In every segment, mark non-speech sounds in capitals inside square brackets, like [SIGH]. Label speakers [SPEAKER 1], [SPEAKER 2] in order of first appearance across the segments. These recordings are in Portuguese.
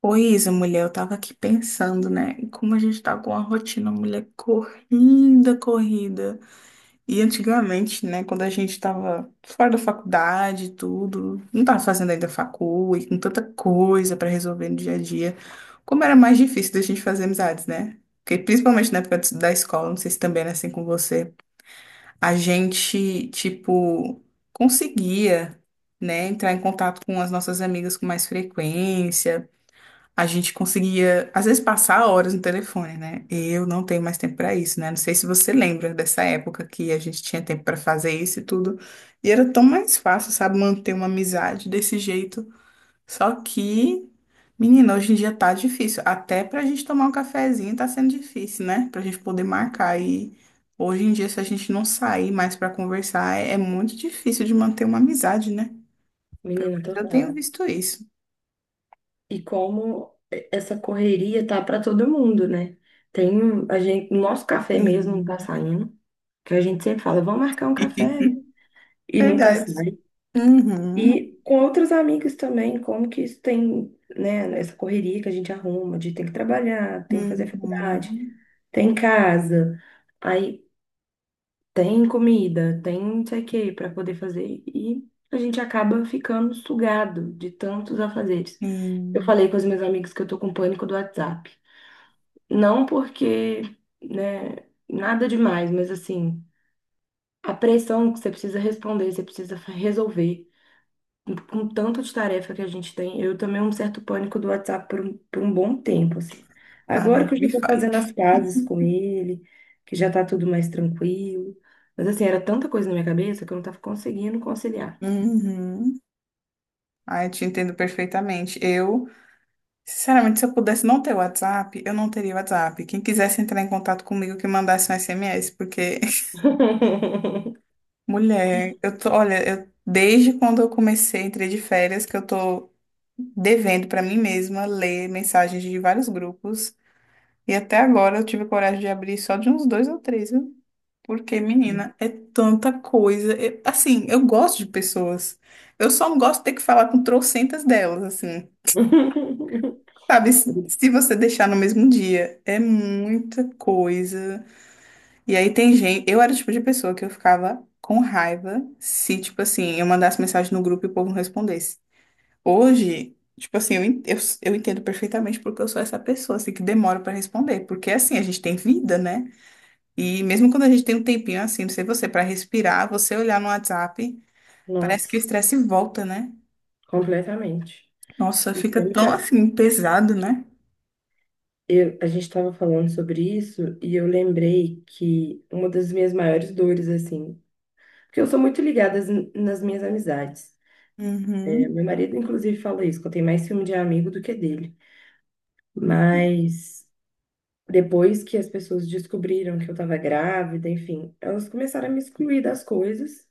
[SPEAKER 1] Pois Isa, mulher, eu tava aqui pensando, né? em como a gente tá com uma rotina, mulher, corrida, corrida. E antigamente, né, quando a gente tava fora da faculdade e tudo, não tava fazendo ainda facul e com tanta coisa pra resolver no dia a dia, como era mais difícil da gente fazer amizades, né? Porque principalmente na época da escola, não sei se também era assim com você, a gente, tipo, conseguia, né, entrar em contato com as nossas amigas com mais frequência. A gente conseguia, às vezes, passar horas no telefone, né? Eu não tenho mais tempo para isso, né? Não sei se você lembra dessa época que a gente tinha tempo para fazer isso e tudo. E era tão mais fácil, sabe, manter uma amizade desse jeito. Só que, menina, hoje em dia tá difícil. Até pra gente tomar um cafezinho tá sendo difícil, né? Pra gente poder marcar. E hoje em dia, se a gente não sair mais para conversar, é muito difícil de manter uma amizade, né?
[SPEAKER 2] Menina,
[SPEAKER 1] Eu tenho
[SPEAKER 2] total.
[SPEAKER 1] visto isso.
[SPEAKER 2] E como essa correria tá para todo mundo, né? Tem um, a gente, nosso café mesmo não
[SPEAKER 1] Sim.
[SPEAKER 2] tá saindo, que a gente sempre fala, vamos marcar um café
[SPEAKER 1] [LAUGHS]
[SPEAKER 2] e nunca
[SPEAKER 1] Verdade.
[SPEAKER 2] sai.
[SPEAKER 1] Uhum,
[SPEAKER 2] E com outros amigos também, como que isso tem, né, essa correria que a gente arruma de tem que trabalhar, tem que fazer faculdade,
[SPEAKER 1] uhum,
[SPEAKER 2] tem casa, aí tem comida, tem não sei o que para poder fazer e a gente acaba ficando sugado de tantos afazeres. Eu
[SPEAKER 1] sim.
[SPEAKER 2] falei com os meus amigos que eu tô com pânico do WhatsApp. Não porque, né, nada demais, mas assim, a pressão que você precisa responder, você precisa resolver. Com tanto de tarefa que a gente tem, eu tomei um certo pânico do WhatsApp por um bom tempo, assim.
[SPEAKER 1] Ai,
[SPEAKER 2] Agora que eu
[SPEAKER 1] me
[SPEAKER 2] já tô
[SPEAKER 1] fale.
[SPEAKER 2] fazendo as pazes com ele, que já tá tudo mais tranquilo. Mas assim, era tanta coisa na minha cabeça que eu não tava conseguindo conciliar.
[SPEAKER 1] Uhum. Ai, eu te entendo perfeitamente. Eu, sinceramente, se eu pudesse não ter WhatsApp, eu não teria WhatsApp. Quem quisesse entrar em contato comigo, que mandasse um SMS, porque, [LAUGHS]
[SPEAKER 2] [LAUGHS]
[SPEAKER 1] mulher, eu tô, olha, eu, desde quando eu comecei, entrei de férias, que eu tô devendo pra mim mesma ler mensagens de vários grupos. E até agora eu tive coragem de abrir só de uns dois ou três, viu? Porque, menina, é tanta coisa. Assim, eu gosto de pessoas. Eu só não gosto de ter que falar com trocentas delas, assim. Sabe, se você deixar no mesmo dia, é muita coisa. E aí tem gente. Eu era o tipo de pessoa que eu ficava com raiva se, tipo assim, eu mandasse mensagem no grupo e o povo não respondesse. Hoje, tipo assim, eu entendo perfeitamente porque eu sou essa pessoa, assim, que demora pra responder. Porque, assim, a gente tem vida, né? E mesmo quando a gente tem um tempinho assim, não sei você, para respirar, você olhar no WhatsApp, parece que o
[SPEAKER 2] Nossa,
[SPEAKER 1] estresse volta, né?
[SPEAKER 2] completamente.
[SPEAKER 1] Nossa,
[SPEAKER 2] E
[SPEAKER 1] fica
[SPEAKER 2] como que
[SPEAKER 1] tão assim pesado, né?
[SPEAKER 2] a gente estava falando sobre isso e eu lembrei que uma das minhas maiores dores, assim, porque eu sou muito ligada nas minhas amizades. É, meu
[SPEAKER 1] Uhum.
[SPEAKER 2] marido, inclusive, fala isso, que eu tenho mais ciúme de amigo do que dele. Mas depois que as pessoas descobriram que eu estava grávida, enfim, elas começaram a me excluir das coisas,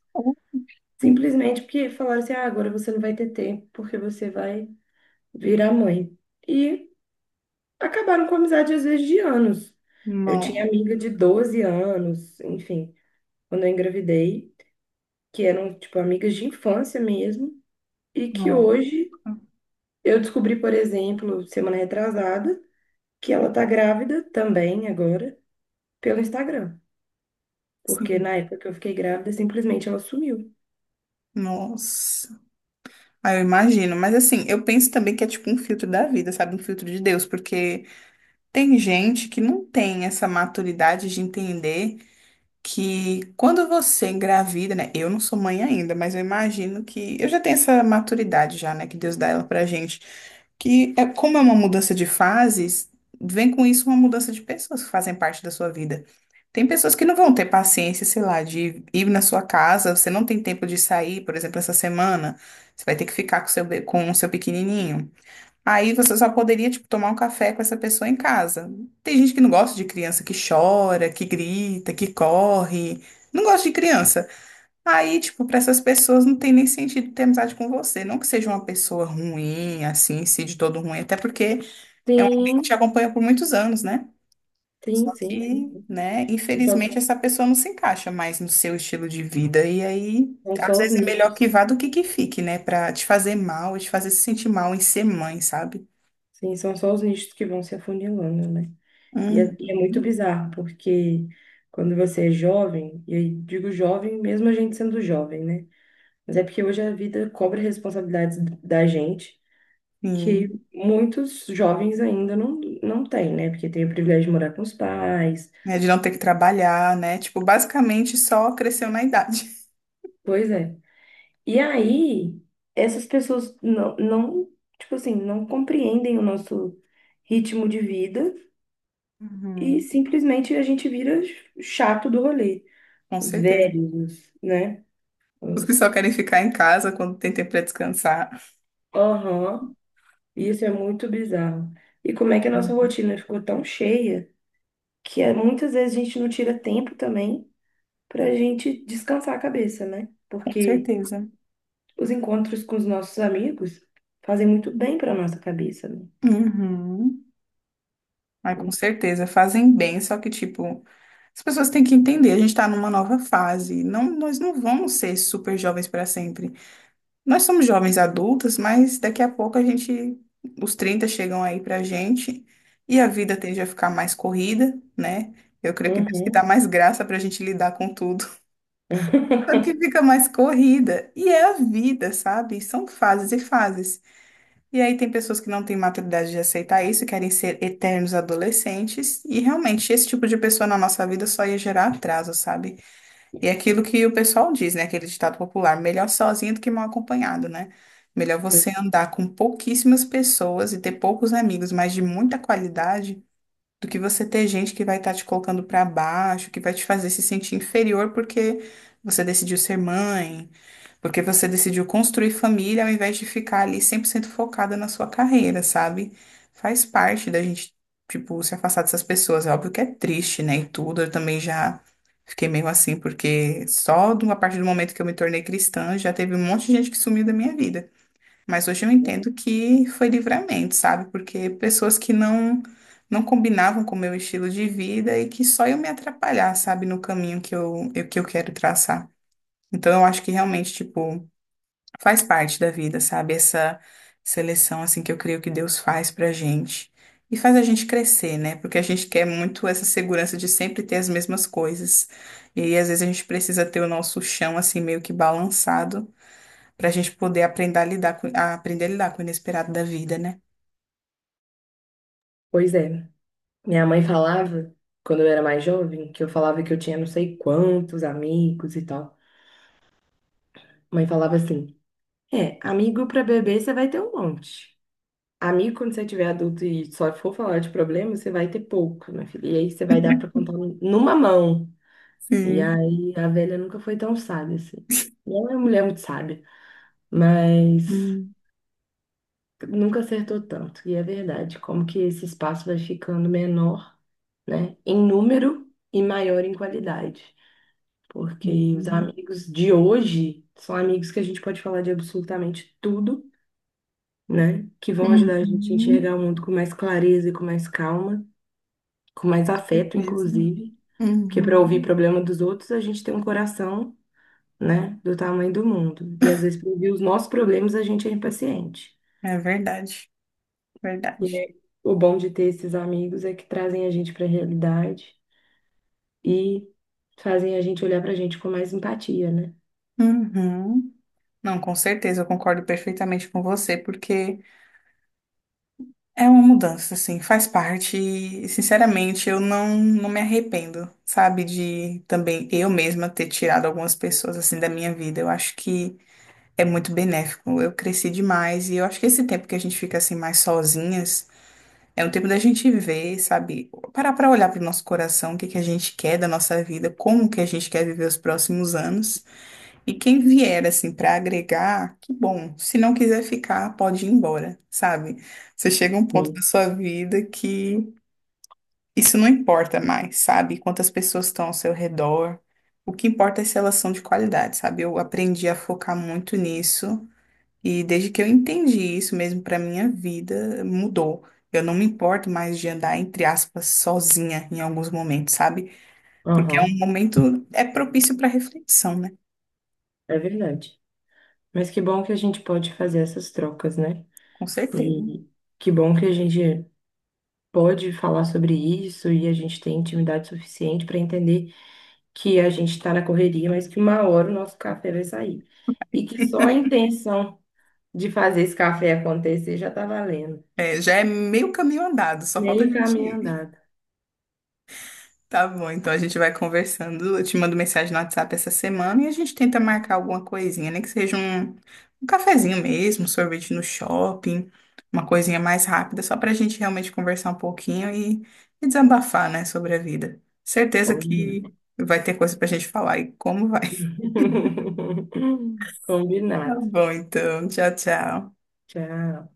[SPEAKER 2] simplesmente porque falaram assim: ah, agora você não vai ter tempo porque você vai virar mãe. E acabaram com amizade às vezes de anos. Eu tinha
[SPEAKER 1] Não,
[SPEAKER 2] amiga de 12 anos, enfim, quando eu engravidei, que eram, tipo, amigas de infância mesmo, e que
[SPEAKER 1] não.
[SPEAKER 2] hoje eu descobri, por exemplo, semana retrasada, que ela tá grávida também agora pelo Instagram, porque
[SPEAKER 1] Sim.
[SPEAKER 2] na época que eu fiquei grávida, simplesmente ela sumiu.
[SPEAKER 1] Nossa. Aí eu imagino. Mas assim, eu penso também que é tipo um filtro da vida, sabe? Um filtro de Deus, porque tem gente que não tem essa maturidade de entender. Que quando você engravida, né? Eu não sou mãe ainda, mas eu imagino que eu já tenho essa maturidade já, né? Que Deus dá ela pra gente. Que é como é uma mudança de fases, vem com isso uma mudança de pessoas que fazem parte da sua vida. Tem pessoas que não vão ter paciência, sei lá, de ir na sua casa, você não tem tempo de sair, por exemplo, essa semana, você vai ter que ficar com o seu, com o seu pequenininho. Aí você só poderia, tipo, tomar um café com essa pessoa em casa. Tem gente que não gosta de criança, que chora, que grita, que corre. Não gosta de criança. Aí, tipo, para essas pessoas não tem nem sentido ter amizade com você. Não que seja uma pessoa ruim, assim, em si, de todo ruim, até porque é um amigo que te
[SPEAKER 2] Sim,
[SPEAKER 1] acompanha por muitos anos, né? Só
[SPEAKER 2] sim, sim,
[SPEAKER 1] que,
[SPEAKER 2] sim.
[SPEAKER 1] né,
[SPEAKER 2] Só-
[SPEAKER 1] infelizmente essa pessoa não se encaixa mais no seu estilo de vida. E aí,
[SPEAKER 2] são
[SPEAKER 1] às
[SPEAKER 2] só os
[SPEAKER 1] vezes é melhor
[SPEAKER 2] nichos.
[SPEAKER 1] que vá do que fique, né? Pra te fazer mal, te fazer se sentir mal em ser mãe, sabe?
[SPEAKER 2] Sim, são só os nichos que vão se afunilando, né? E é muito
[SPEAKER 1] Uhum,
[SPEAKER 2] bizarro, porque quando você é jovem, e eu digo jovem mesmo a gente sendo jovem, né? Mas é porque hoje a vida cobra responsabilidades da gente que
[SPEAKER 1] sim.
[SPEAKER 2] muitos jovens ainda não têm, né? Porque tem o privilégio de morar com os pais,
[SPEAKER 1] É de não ter que trabalhar, né? Tipo, basicamente só cresceu na idade.
[SPEAKER 2] pois é. E aí, essas pessoas tipo assim, não compreendem o nosso ritmo de vida e
[SPEAKER 1] Uhum.
[SPEAKER 2] simplesmente a gente vira chato do rolê.
[SPEAKER 1] Com
[SPEAKER 2] Os
[SPEAKER 1] certeza.
[SPEAKER 2] velhos, né?
[SPEAKER 1] Os que só
[SPEAKER 2] Os
[SPEAKER 1] querem ficar em casa quando tem tempo para descansar.
[SPEAKER 2] Aham. Isso é muito bizarro. E como é que a nossa
[SPEAKER 1] Uhum.
[SPEAKER 2] rotina ficou tão cheia que é, muitas vezes a gente não tira tempo também para a gente descansar a cabeça, né?
[SPEAKER 1] Com
[SPEAKER 2] Porque
[SPEAKER 1] certeza.
[SPEAKER 2] os encontros com os nossos amigos fazem muito bem para nossa cabeça, né?
[SPEAKER 1] Uhum. Ai, com certeza. Fazem bem, só que, tipo, as pessoas têm que entender, a gente está numa nova fase. Não, nós não vamos ser super jovens para sempre. Nós somos jovens adultos, mas daqui a pouco a gente, os 30 chegam aí pra gente e a vida tende a ficar mais corrida, né? Eu creio que Deus que dá
[SPEAKER 2] Uhum.
[SPEAKER 1] mais graça pra gente lidar com tudo. [LAUGHS] Só que
[SPEAKER 2] [LAUGHS]
[SPEAKER 1] fica mais corrida. E é a vida, sabe? São fases e fases. E aí tem pessoas que não têm maturidade de aceitar isso, querem ser eternos adolescentes. E realmente, esse tipo de pessoa na nossa vida só ia gerar atraso, sabe? E é aquilo que o pessoal diz, né? Aquele ditado popular, melhor sozinho do que mal acompanhado, né? Melhor você andar com pouquíssimas pessoas e ter poucos amigos, mas de muita qualidade, do que você ter gente que vai estar te colocando para baixo, que vai te fazer se sentir inferior porque você decidiu ser mãe, porque você decidiu construir família ao invés de ficar ali 100% focada na sua carreira, sabe? Faz parte da gente, tipo, se afastar dessas pessoas. É óbvio que é triste, né? E tudo. Eu também já fiquei meio assim, porque só de uma parte do momento que eu me tornei cristã, já teve um monte de gente que sumiu da minha vida. Mas hoje eu entendo que foi livramento, sabe? Porque pessoas que não combinavam com o meu estilo de vida e que só eu me atrapalhar, sabe? No caminho que que eu quero traçar. Então eu acho que realmente, tipo faz parte da vida, sabe? Essa seleção assim que eu creio que Deus faz pra gente e faz a gente crescer, né? Porque a gente quer muito essa segurança de sempre ter as mesmas coisas. E aí, às vezes a gente precisa ter o nosso chão assim meio que balançado pra gente poder aprender a lidar com o inesperado da vida, né?
[SPEAKER 2] Pois é. Minha mãe falava, quando eu era mais jovem, que eu falava que eu tinha não sei quantos amigos e tal. Mãe falava assim: é, amigo para beber você vai ter um monte. Amigo, quando você tiver adulto e só for falar de problema, você vai ter pouco, minha filha. E aí você vai dar pra contar numa mão. E
[SPEAKER 1] Sim.
[SPEAKER 2] aí a velha nunca foi tão sábia assim. Não é uma mulher muito sábia, mas
[SPEAKER 1] Sim.
[SPEAKER 2] nunca acertou tanto. E é verdade, como que esse espaço vai ficando menor, né? Em número e maior em qualidade. Porque os
[SPEAKER 1] Sim.
[SPEAKER 2] amigos de hoje são amigos que a gente pode falar de absolutamente tudo, né? Que vão ajudar a gente a enxergar
[SPEAKER 1] Uhum,
[SPEAKER 2] o mundo com mais clareza e com mais calma, com mais afeto,
[SPEAKER 1] certeza.
[SPEAKER 2] inclusive, porque para ouvir
[SPEAKER 1] Uhum.
[SPEAKER 2] problema dos outros, a gente tem um coração, né, do tamanho do mundo. E às vezes, para ouvir os nossos problemas, a gente é impaciente.
[SPEAKER 1] É verdade,
[SPEAKER 2] E
[SPEAKER 1] verdade.
[SPEAKER 2] é- o bom de ter esses amigos é que trazem a gente para a realidade e fazem a gente olhar para a gente com mais empatia, né?
[SPEAKER 1] Uhum. Não, com certeza, eu concordo perfeitamente com você, porque é uma mudança, assim, faz parte e, sinceramente, eu não, não me arrependo, sabe, de também eu mesma ter tirado algumas pessoas, assim, da minha vida. Eu acho que é muito benéfico, eu cresci demais e eu acho que esse tempo que a gente fica, assim, mais sozinhas é um tempo da gente ver, sabe, parar pra olhar pro nosso coração, o que que a gente quer da nossa vida, como que a gente quer viver os próximos anos. E quem vier assim para agregar, que bom. Se não quiser ficar, pode ir embora, sabe? Você chega a um ponto da
[SPEAKER 2] Sim.
[SPEAKER 1] sua vida que isso não importa mais, sabe? Quantas pessoas estão ao seu redor. O que importa é se elas são de qualidade, sabe? Eu aprendi a focar muito nisso e desde que eu entendi isso mesmo para minha vida, mudou. Eu não me importo mais de andar, entre aspas, sozinha em alguns momentos, sabe? Porque é
[SPEAKER 2] Aham,
[SPEAKER 1] um momento, é propício para reflexão, né?
[SPEAKER 2] é verdade. Mas que bom que a gente pode fazer essas trocas, né?
[SPEAKER 1] Com certeza.
[SPEAKER 2] E que bom que a gente pode falar sobre isso e a gente tem intimidade suficiente para entender que a gente está na correria, mas que uma hora o nosso café vai sair. E que só a intenção de fazer esse café acontecer já está valendo.
[SPEAKER 1] É, já é meio caminho andado, só falta a
[SPEAKER 2] Meio
[SPEAKER 1] gente
[SPEAKER 2] caminho
[SPEAKER 1] ir.
[SPEAKER 2] andado.
[SPEAKER 1] [LAUGHS] Tá bom, então a gente vai conversando. Eu te mando mensagem no WhatsApp essa semana e a gente tenta marcar alguma coisinha, nem que seja um, um cafezinho mesmo, um sorvete no shopping, uma coisinha mais rápida, só pra gente realmente conversar um pouquinho e desabafar, né, sobre a vida. Certeza
[SPEAKER 2] Combinado.
[SPEAKER 1] que vai ter coisa pra gente falar e como vai. [LAUGHS]
[SPEAKER 2] [LAUGHS]
[SPEAKER 1] Tá
[SPEAKER 2] Combinado.
[SPEAKER 1] bom, então. Tchau, tchau.
[SPEAKER 2] Tchau.